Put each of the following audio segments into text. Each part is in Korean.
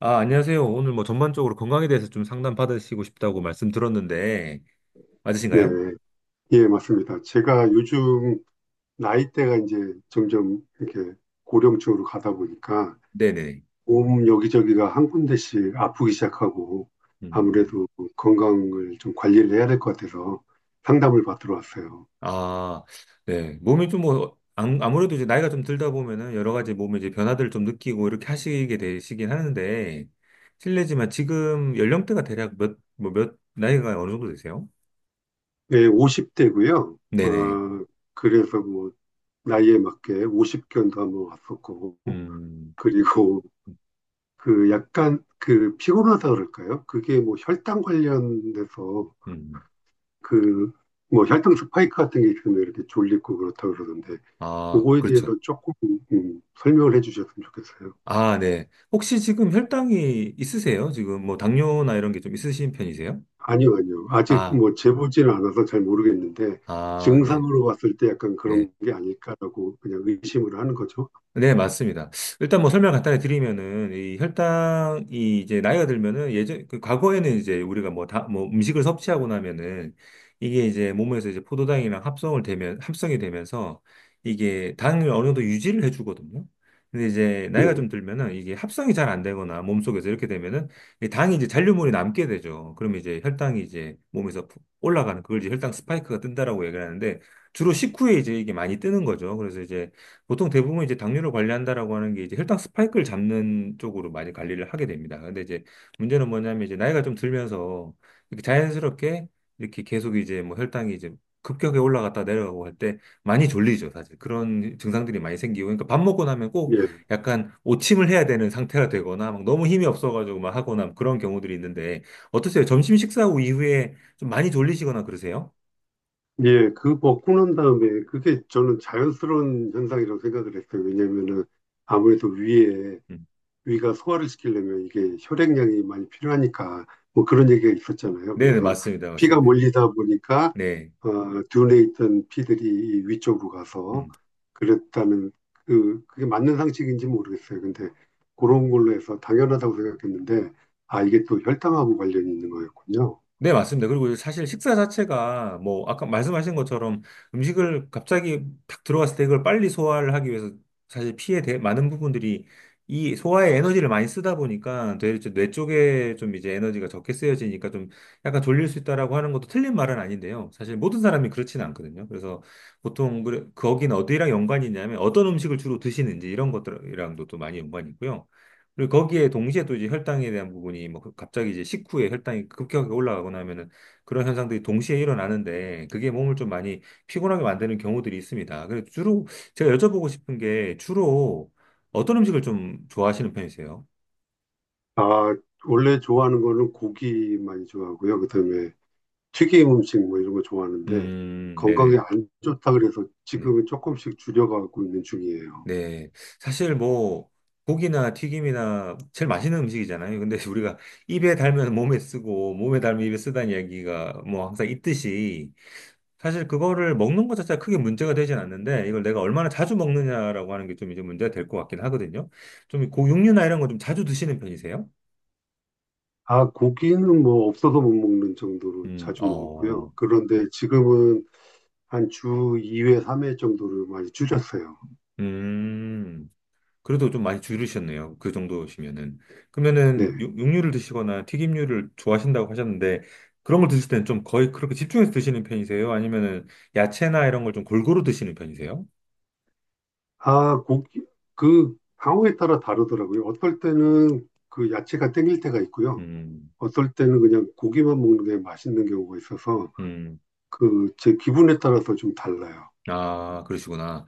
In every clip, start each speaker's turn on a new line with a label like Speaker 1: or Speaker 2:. Speaker 1: 아, 안녕하세요. 오늘 뭐 전반적으로 건강에 대해서 좀 상담 받으시고 싶다고 말씀 들었는데,
Speaker 2: 네,
Speaker 1: 맞으신가요?
Speaker 2: 예, 맞습니다. 제가 요즘 나이대가 이제 점점 이렇게 고령층으로 가다 보니까
Speaker 1: 네네.
Speaker 2: 몸 여기저기가 한 군데씩 아프기 시작하고
Speaker 1: 음,
Speaker 2: 아무래도 건강을 좀 관리를 해야 될 것 같아서 상담을 받으러 왔어요.
Speaker 1: 아, 네. 몸이 좀 뭐, 아무래도 이제 나이가 좀 들다 보면은 여러 가지 몸의 이제 변화들을 좀 느끼고 이렇게 하시게 되시긴 하는데, 실례지만 지금 연령대가 대략 몇, 뭐 몇, 나이가 어느 정도 되세요?
Speaker 2: 예, 50대고요. 어,
Speaker 1: 네네.
Speaker 2: 그래서 뭐 나이에 맞게 50견도 한번 왔었고,
Speaker 1: 음,
Speaker 2: 그리고 그 약간 그 피곤하다 그럴까요? 그게 뭐 혈당 관련돼서
Speaker 1: 음.
Speaker 2: 그 뭐 혈당 스파이크 같은 게 있으면 이렇게 졸리고 그렇다 그러던데,
Speaker 1: 아,
Speaker 2: 그거에 대해서
Speaker 1: 그렇죠.
Speaker 2: 조금 설명을 해주셨으면 좋겠어요.
Speaker 1: 아, 네. 혹시 지금 혈당이 있으세요? 지금 뭐 당뇨나 이런 게 좀 있으신 편이세요?
Speaker 2: 아니요, 아니요. 아직
Speaker 1: 아,
Speaker 2: 뭐 재보지는 않아서 잘 모르겠는데,
Speaker 1: 아, 네,
Speaker 2: 증상으로 봤을 때 약간
Speaker 1: 네.
Speaker 2: 그런 게 아닐까라고 그냥 의심을 하는 거죠.
Speaker 1: 네, 맞습니다. 일단 뭐 설명 간단히 드리면은 이 혈당이 이제 나이가 들면은 예전 그 과거에는 이제 우리가 뭐 다 뭐 음식을 섭취하고 나면은 이게 이제 몸에서 이제 포도당이랑 합성을 되면 합성이 되면서 이게 당을 어느 정도 유지를 해주거든요. 근데 이제
Speaker 2: 네,
Speaker 1: 나이가 좀 들면은 이게 합성이 잘 안 되거나 몸속에서 이렇게 되면은 이 당이 이제 잔류물이 남게 되죠. 그러면 이제 혈당이 이제 몸에서 푹 올라가는 그걸 이제 혈당 스파이크가 뜬다라고 얘기를 하는데 주로 식후에 이제 이게 많이 뜨는 거죠. 그래서 이제 보통 대부분 이제 당뇨를 관리한다라고 하는 게 이제 혈당 스파이크를 잡는 쪽으로 많이 관리를 하게 됩니다. 근데 이제 문제는 뭐냐면 이제 나이가 좀 들면서 이렇게 자연스럽게 이렇게 계속 이제 뭐 혈당이 이제 급격하게 올라갔다 내려가고 할 때 많이 졸리죠, 사실. 그런 증상들이 많이 생기고. 그러니까 밥 먹고 나면 꼭
Speaker 2: 예,
Speaker 1: 약간 오침을 해야 되는 상태가 되거나 막 너무 힘이 없어가지고 막 하거나 그런 경우들이 있는데 어떠세요? 점심 식사 후 이후에 좀 많이 졸리시거나 그러세요?
Speaker 2: 예. 그 벗고 난 다음에 그게 저는 자연스러운 현상이라고 생각을 했어요. 왜냐면은 아무래도 위에
Speaker 1: 음.
Speaker 2: 위가 소화를 시키려면 이게 혈액량이 많이 필요하니까, 뭐 그런 얘기가
Speaker 1: 음.
Speaker 2: 있었잖아요.
Speaker 1: 네네,
Speaker 2: 그래서
Speaker 1: 맞습니다.
Speaker 2: 피가
Speaker 1: 맞습니다. 네.
Speaker 2: 몰리다 보니까
Speaker 1: 네.
Speaker 2: 어, 둔에 있던 피들이 위쪽으로 가서
Speaker 1: 음.
Speaker 2: 그랬다는, 그게 맞는 상식인지 모르겠어요. 근데 그런 걸로 해서 당연하다고 생각했는데, 아 이게 또 혈당하고 관련이 있는 거였군요.
Speaker 1: 네, 맞습니다. 그리고 사실 식사 자체가 뭐 아까 말씀하신 것처럼 음식을 갑자기 탁 들어갔을 때 이걸 빨리 소화를 하기 위해서 많은 부분들이 이 소화에 에너지를 많이 쓰다 보니까 되뇌 쪽에 좀 이제 에너지가 적게 쓰여지니까 좀 약간 졸릴 수 있다라고 하는 것도 틀린 말은 아닌데요. 사실 모든 사람이 그렇지는 않거든요. 그래서 보통 그 거긴 어디랑 연관이 있냐면 어떤 음식을 주로 드시는지 이런 것들이랑도 또 많이 연관이 있고요. 그리고 거기에 동시에 또 이제 혈당에 대한 부분이 갑자기 이제 식후에 혈당이 급격하게 올라가거나 하면은 그런 현상들이 동시에 일어나는데 그게 몸을 좀 많이 피곤하게 만드는 경우들이 있습니다. 그래서 주로 제가 여쭤보고 싶은 게 주로 어떤 음식을 좀 좋아하시는 편이세요?
Speaker 2: 아, 원래 좋아하는 거는 고기 많이 좋아하고요. 그다음에 튀김 음식 뭐 이런 거 좋아하는데, 건강에
Speaker 1: 네네네.
Speaker 2: 안 좋다 그래서
Speaker 1: 네.
Speaker 2: 지금은 조금씩 줄여가고 있는 중이에요.
Speaker 1: 네. 사실 뭐 고기나 튀김이나 제일 맛있는 음식이잖아요. 근데 우리가 입에 달면 몸에 쓰고 몸에 달면 입에 쓰다는 이야기가 뭐 항상 있듯이 사실 그거를 먹는 것 자체가 크게 문제가 되진 않는데 이걸 내가 얼마나 자주 먹느냐라고 하는 게 좀 이제 문제가 될 것 같긴 하거든요. 좀 고육류나 이런 거 좀 자주 드시는 편이세요?
Speaker 2: 아, 고기는 뭐 없어서 못 먹는 정도로 자주
Speaker 1: 어,
Speaker 2: 먹었고요. 그런데 지금은 한 주 2회, 3회 정도를 많이 줄였어요.
Speaker 1: 음, 그래도 좀 많이 줄으셨네요. 그 정도시면은.
Speaker 2: 네.
Speaker 1: 그러면은 육류를 드시거나 튀김류를 좋아하신다고 하셨는데 그런 걸 드실 때는 좀 거의 그렇게 집중해서 드시는 편이세요? 아니면은 야채나 이런 걸 좀 골고루 드시는 편이세요?
Speaker 2: 아, 고기, 그 상황에 따라 다르더라고요. 어떨 때는 그 야채가 땡길 때가 있고요.
Speaker 1: 음,
Speaker 2: 어떨 때는 그냥 고기만 먹는 게 맛있는 경우가 있어서
Speaker 1: 음,
Speaker 2: 그 제 기분에 따라서 좀 달라요.
Speaker 1: 아, 그러시구나.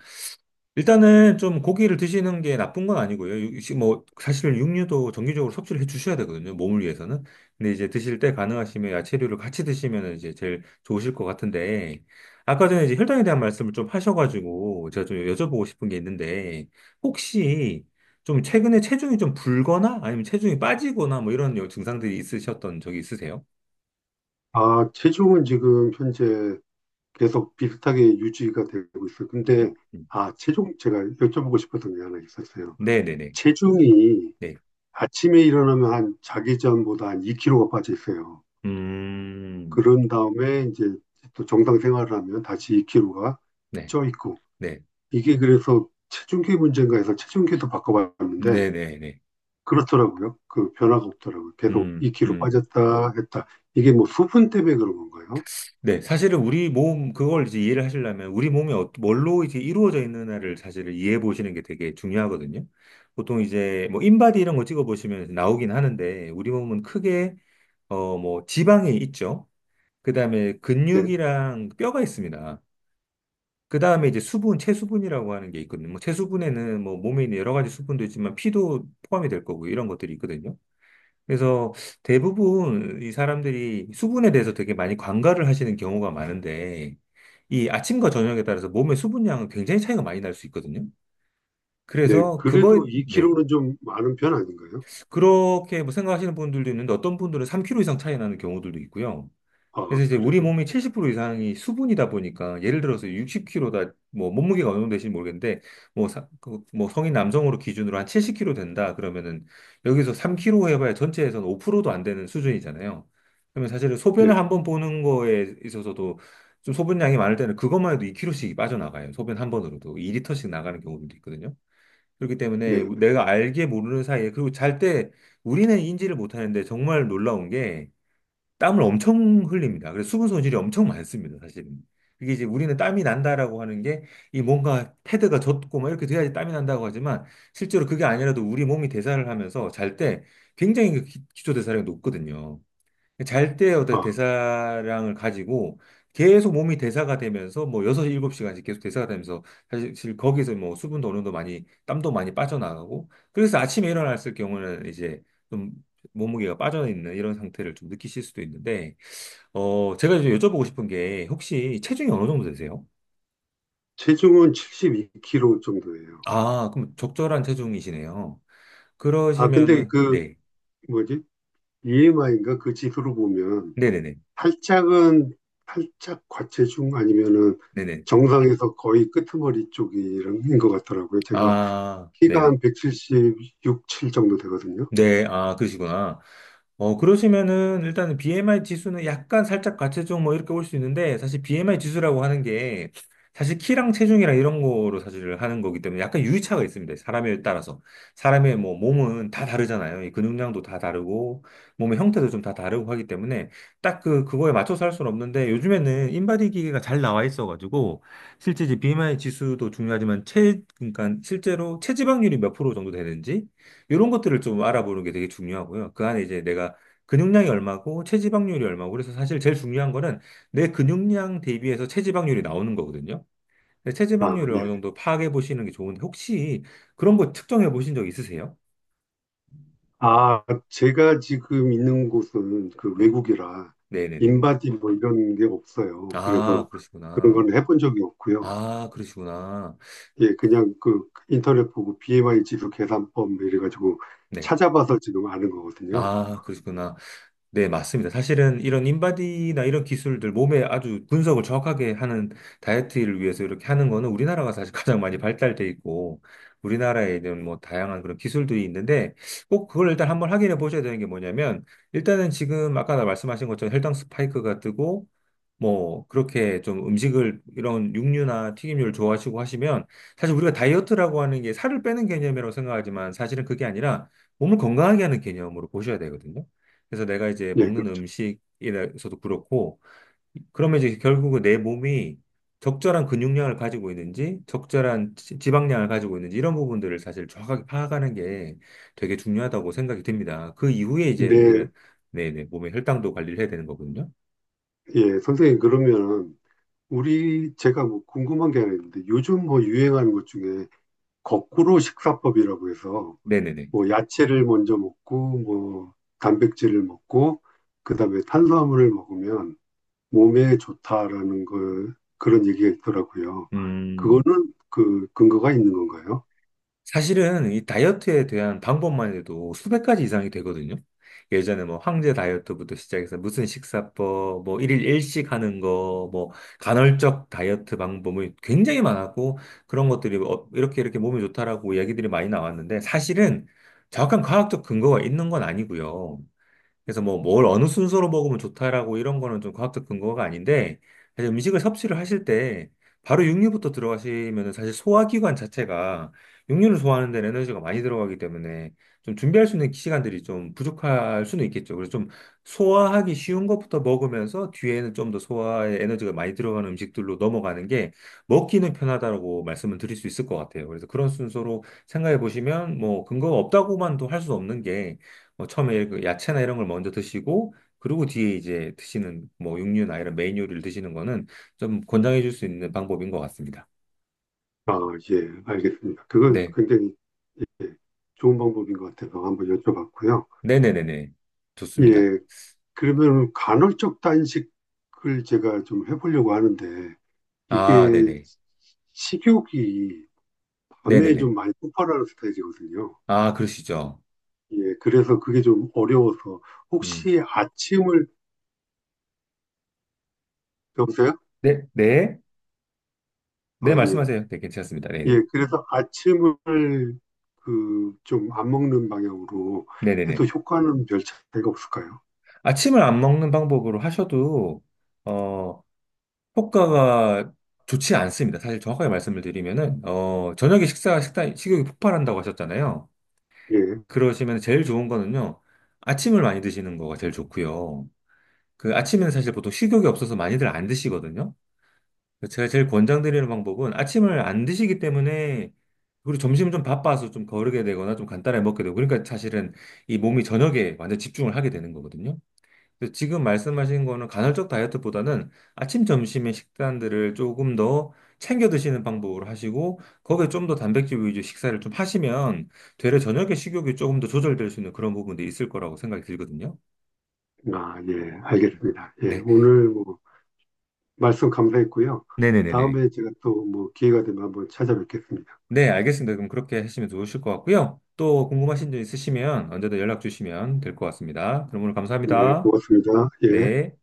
Speaker 1: 일단은 좀 고기를 드시는 게 나쁜 건 아니고요. 뭐 사실 육류도 정기적으로 섭취를 해 주셔야 되거든요. 몸을 위해서는. 근데 이제 드실 때 가능하시면 야채류를 같이 드시면 이제 제일 좋으실 것 같은데 아까 전에 이제 혈당에 대한 말씀을 좀 하셔가지고 제가 좀 여쭤보고 싶은 게 있는데 혹시 좀 최근에 체중이 좀 불거나 아니면 체중이 빠지거나 뭐 이런 증상들이 있으셨던 적이 있으세요?
Speaker 2: 아, 체중은 지금 현재 계속 비슷하게 유지가 되고 있어요. 근데
Speaker 1: 음.
Speaker 2: 아, 체중 제가 여쭤보고 싶었던 게 하나 있었어요.
Speaker 1: 네네네.
Speaker 2: 체중이
Speaker 1: 네.
Speaker 2: 아침에 일어나면 한 자기 전보다 한 2kg가 빠져 있어요.
Speaker 1: 음.
Speaker 2: 그런 다음에 이제 또 정상 생활을 하면 다시 2kg가
Speaker 1: 네.
Speaker 2: 쪄 있고,
Speaker 1: 네.
Speaker 2: 이게 그래서 체중계 문제인가 해서 체중계도 바꿔봤는데
Speaker 1: 네네네.
Speaker 2: 그렇더라고요. 그 변화가 없더라고요. 계속
Speaker 1: 음.
Speaker 2: 2kg
Speaker 1: 음.
Speaker 2: 빠졌다 했다. 이게 뭐 수분 때문에 그런 건가요?
Speaker 1: 네, 사실은 우리 몸, 그걸 이제 이해를 하시려면 우리 몸이 뭘로 이제 이루어져 있느냐를 사실을 이해해 보시는 게 되게 중요하거든요. 보통 이제 뭐 인바디 이런 거 찍어 보시면 나오긴 하는데 우리 몸은 크게 어 뭐 지방이 있죠. 그다음에
Speaker 2: 네,
Speaker 1: 근육이랑 뼈가 있습니다. 그다음에 이제 수분, 체수분이라고 하는 게 있거든요. 뭐 체수분에는 뭐 몸에 있는 여러 가지 수분도 있지만 피도 포함이 될 거고 이런 것들이 있거든요. 그래서 대부분 이 사람들이 수분에 대해서 되게 많이 관가를 하시는 경우가 많은데 이 아침과 저녁에 따라서 몸의 수분량은 굉장히 차이가 많이 날 수 있거든요.
Speaker 2: 네.
Speaker 1: 그래서 그거에
Speaker 2: 그래도
Speaker 1: 네.
Speaker 2: 2kg는 좀 많은 편 아닌가요?
Speaker 1: 그렇게 뭐 생각하시는 분들도 있는데 어떤 분들은 3kg 이상 차이 나는 경우들도 있고요.
Speaker 2: 아,
Speaker 1: 그래서 이제 우리
Speaker 2: 그래요.
Speaker 1: 몸이 70% 이상이 수분이다 보니까 예를 들어서 60kg다 뭐 몸무게가 어느 정도 되는지 모르겠는데 뭐 성인 남성으로 기준으로 한 70kg 된다 그러면은 여기서 3kg 해봐야 전체에서는 5%도 안 되는 수준이잖아요. 그러면 사실은
Speaker 2: 네,
Speaker 1: 소변을 한번 보는 거에 있어서도 좀 소변량이 많을 때는 그것만 해도 2kg씩 빠져나가요. 소변 한 번으로도 2리터씩 나가는 경우도 있거든요. 그렇기
Speaker 2: 네.
Speaker 1: 때문에 내가 알게 모르는 사이에 그리고 잘 때 우리는 인지를 못하는데 정말 놀라운 게 땀을 엄청 흘립니다. 그래서 수분 손실이 엄청 많습니다, 사실은. 그게 이제 우리는 땀이 난다라고 하는 게 이 뭔가 패드가 젖고 막 이렇게 돼야지 땀이 난다고 하지만 실제로 그게 아니라도 우리 몸이 대사를 하면서 잘 때 굉장히 기초 대사량이 높거든요. 잘 때
Speaker 2: 아,
Speaker 1: 어떤 대사량을 가지고 계속 몸이 대사가 되면서 뭐 6, 7시간씩 계속 대사가 되면서 사실 거기서 뭐 수분도 어느 정도 많이 땀도 많이 빠져나가고 그래서 아침에 일어났을 경우는 이제 좀 몸무게가 빠져있는 이런 상태를 좀 느끼실 수도 있는데 어 제가 좀 여쭤보고 싶은 게 혹시 체중이 어느 정도 되세요?
Speaker 2: 체중은 72kg 정도예요.
Speaker 1: 아 그럼 적절한 체중이시네요.
Speaker 2: 아, 근데
Speaker 1: 그러시면은
Speaker 2: 그,
Speaker 1: 네
Speaker 2: 뭐지? BMI인가? 그 지수로 보면,
Speaker 1: 네네네
Speaker 2: 살짝은, 살짝 과체중 아니면은
Speaker 1: 네네
Speaker 2: 정상에서 거의 끄트머리 쪽인 것 같더라고요. 제가
Speaker 1: 아
Speaker 2: 키가
Speaker 1: 네네
Speaker 2: 한 176, 7 정도 되거든요.
Speaker 1: 네, 아, 그러시구나. 어, 그러시면은 일단은 BMI 지수는 약간 살짝 과체중 뭐 이렇게 올 수 있는데 사실 BMI 지수라고 하는 게 사실 키랑 체중이랑 이런 거로 사실 하는 거기 때문에 약간 유의차가 있습니다. 사람에 따라서. 사람의 뭐 몸은 다 다르잖아요. 이 근육량도 다 다르고 몸의 형태도 좀 다 다르고 하기 때문에 딱 그거에 맞춰서 할 수는 없는데 요즘에는 인바디 기계가 잘 나와 있어가지고 실제 이제 BMI 지수도 중요하지만 그러니까 실제로 체지방률이 몇 프로 정도 되는지 이런 것들을 좀 알아보는 게 되게 중요하고요. 그 안에 이제 내가 근육량이 얼마고 체지방률이 얼마고 그래서 사실 제일 중요한 거는 내 근육량 대비해서 체지방률이 나오는 거거든요. 근데
Speaker 2: 아,
Speaker 1: 체지방률을
Speaker 2: 예.
Speaker 1: 어느 정도 파악해 보시는 게 좋은데 혹시 그런 거 측정해 보신 적 있으세요?
Speaker 2: 아, 제가 지금 있는 곳은 그
Speaker 1: 네.
Speaker 2: 외국이라
Speaker 1: 네네네네.
Speaker 2: 인바디 뭐 이런 게 없어요.
Speaker 1: 아,
Speaker 2: 그래서 그런
Speaker 1: 그러시구나.
Speaker 2: 건 해본 적이 없고요.
Speaker 1: 아, 그러시구나.
Speaker 2: 예, 그냥 그 인터넷 보고 BMI 지수 계산법 뭐 이래가지고
Speaker 1: 네.
Speaker 2: 찾아봐서 지금 아는 거거든요.
Speaker 1: 아, 그러시구나. 네, 맞습니다. 사실은 이런 인바디나 이런 기술들, 몸에 아주 분석을 정확하게 하는 다이어트를 위해서 이렇게 하는 거는 우리나라가 사실 가장 많이 발달돼 있고, 우리나라에 있는 뭐 다양한 그런 기술들이 있는데, 꼭 그걸 일단 한번 확인해 보셔야 되는 게 뭐냐면, 일단은 지금 아까 나 말씀하신 것처럼 혈당 스파이크가 뜨고, 뭐, 그렇게 좀 음식을, 이런 육류나 튀김류를 좋아하시고 하시면, 사실 우리가 다이어트라고 하는 게 살을 빼는 개념이라고 생각하지만, 사실은 그게 아니라 몸을 건강하게 하는 개념으로 보셔야 되거든요. 그래서 내가 이제
Speaker 2: 예,
Speaker 1: 먹는
Speaker 2: 그렇죠.
Speaker 1: 음식에서도 그렇고, 그러면 이제 결국은 내 몸이 적절한 근육량을 가지고 있는지, 적절한 지방량을 가지고 있는지, 이런 부분들을 사실 정확하게 파악하는 게 되게 중요하다고 생각이 듭니다. 그 이후에 이제
Speaker 2: 근데
Speaker 1: 사실은, 네네, 몸의 혈당도 관리를 해야 되는 거거든요.
Speaker 2: 예, 선생님 그러면 우리 제가 뭐 궁금한 게 하나 있는데, 요즘 뭐 유행하는 것 중에 거꾸로 식사법이라고 해서
Speaker 1: 네네네.
Speaker 2: 뭐 야채를 먼저 먹고 뭐 단백질을 먹고 그다음에 탄수화물을 먹으면 몸에 좋다라는 거, 그런 얘기가 있더라고요.
Speaker 1: 음.
Speaker 2: 그거는 그 근거가 있는 건가요?
Speaker 1: 사실은 이 다이어트에 대한 방법만 해도 수백 가지 이상이 되거든요. 예전에 뭐 황제 다이어트부터 시작해서 무슨 식사법, 뭐 일일 일식 하는 거, 뭐 간헐적 다이어트 방법이 굉장히 많았고 그런 것들이 어, 이렇게 이렇게 몸에 좋다라고 이야기들이 많이 나왔는데 사실은 정확한 과학적 근거가 있는 건 아니고요. 그래서 뭐 뭘 어느 순서로 먹으면 좋다라고 이런 거는 좀 과학적 근거가 아닌데 사실 음식을 섭취를 하실 때 바로 육류부터 들어가시면은 사실 소화기관 자체가 육류를 소화하는 데는 에너지가 많이 들어가기 때문에 좀 준비할 수 있는 시간들이 좀 부족할 수는 있겠죠. 그래서 좀 소화하기 쉬운 것부터 먹으면서 뒤에는 좀 더 소화에 에너지가 많이 들어가는 음식들로 넘어가는 게 먹기는 편하다라고 말씀을 드릴 수 있을 것 같아요. 그래서 그런 순서로 생각해 보시면 뭐 근거가 없다고만도 할 수 없는 게 뭐 처음에 그 야채나 이런 걸 먼저 드시고 그리고 뒤에 이제 드시는 뭐 육류나 이런 메인 요리를 드시는 거는 좀 권장해 줄 수 있는 방법인 것 같습니다.
Speaker 2: 아, 예, 알겠습니다. 그건
Speaker 1: 네.
Speaker 2: 굉장히, 예, 좋은 방법인 것 같아서 한번 여쭤봤고요.
Speaker 1: 네네네네. 좋습니다.
Speaker 2: 예, 그러면 간헐적 단식을 제가 좀 해보려고 하는데,
Speaker 1: 아,
Speaker 2: 이게
Speaker 1: 네네.
Speaker 2: 식욕이 밤에
Speaker 1: 네네네.
Speaker 2: 좀 많이 폭발하는 스타일이거든요.
Speaker 1: 아, 그러시죠.
Speaker 2: 예, 그래서 그게 좀 어려워서
Speaker 1: 음.
Speaker 2: 혹시 아침을, 여보세요?
Speaker 1: 네, 네.
Speaker 2: 아,
Speaker 1: 네,
Speaker 2: 예,
Speaker 1: 말씀하세요. 네, 괜찮습니다.
Speaker 2: 예,
Speaker 1: 네네.
Speaker 2: 그래서 아침을 그 좀 안 먹는 방향으로 해도
Speaker 1: 네네네.
Speaker 2: 효과는 별 차이가 없을까요?
Speaker 1: 아침을 안 먹는 방법으로 하셔도, 어, 효과가 좋지 않습니다. 사실 정확하게 말씀을 드리면은, 어, 저녁에 식사, 식단, 식욕이 폭발한다고 하셨잖아요.
Speaker 2: 예.
Speaker 1: 그러시면 제일 좋은 거는요. 아침을 많이 드시는 거가 제일 좋고요. 그 아침에는 사실 보통 식욕이 없어서 많이들 안 드시거든요. 그래서 제가 제일 권장드리는 방법은 아침을 안 드시기 때문에 그리고 점심은 좀 바빠서 좀 거르게 되거나 좀 간단하게 먹게 되고 그러니까 사실은 이 몸이 저녁에 완전 집중을 하게 되는 거거든요. 근데 지금 말씀하신 거는 간헐적 다이어트보다는 아침, 점심의 식단들을 조금 더 챙겨 드시는 방법으로 하시고, 거기에 좀 더 단백질 위주 식사를 좀 하시면, 되려 저녁에 식욕이 조금 더 조절될 수 있는 그런 부분도 있을 거라고 생각이 들거든요.
Speaker 2: 아, 예, 알겠습니다. 예,
Speaker 1: 네.
Speaker 2: 오늘 뭐 말씀 감사했고요.
Speaker 1: 네네네네.
Speaker 2: 다음에 제가 또 뭐 기회가 되면 한번 찾아뵙겠습니다.
Speaker 1: 네, 알겠습니다. 그럼 그렇게 하시면 좋으실 것 같고요. 또 궁금하신 점 있으시면 언제든 연락 주시면 될 것 같습니다. 그럼 오늘
Speaker 2: 예,
Speaker 1: 감사합니다.
Speaker 2: 고맙습니다. 예.
Speaker 1: 네.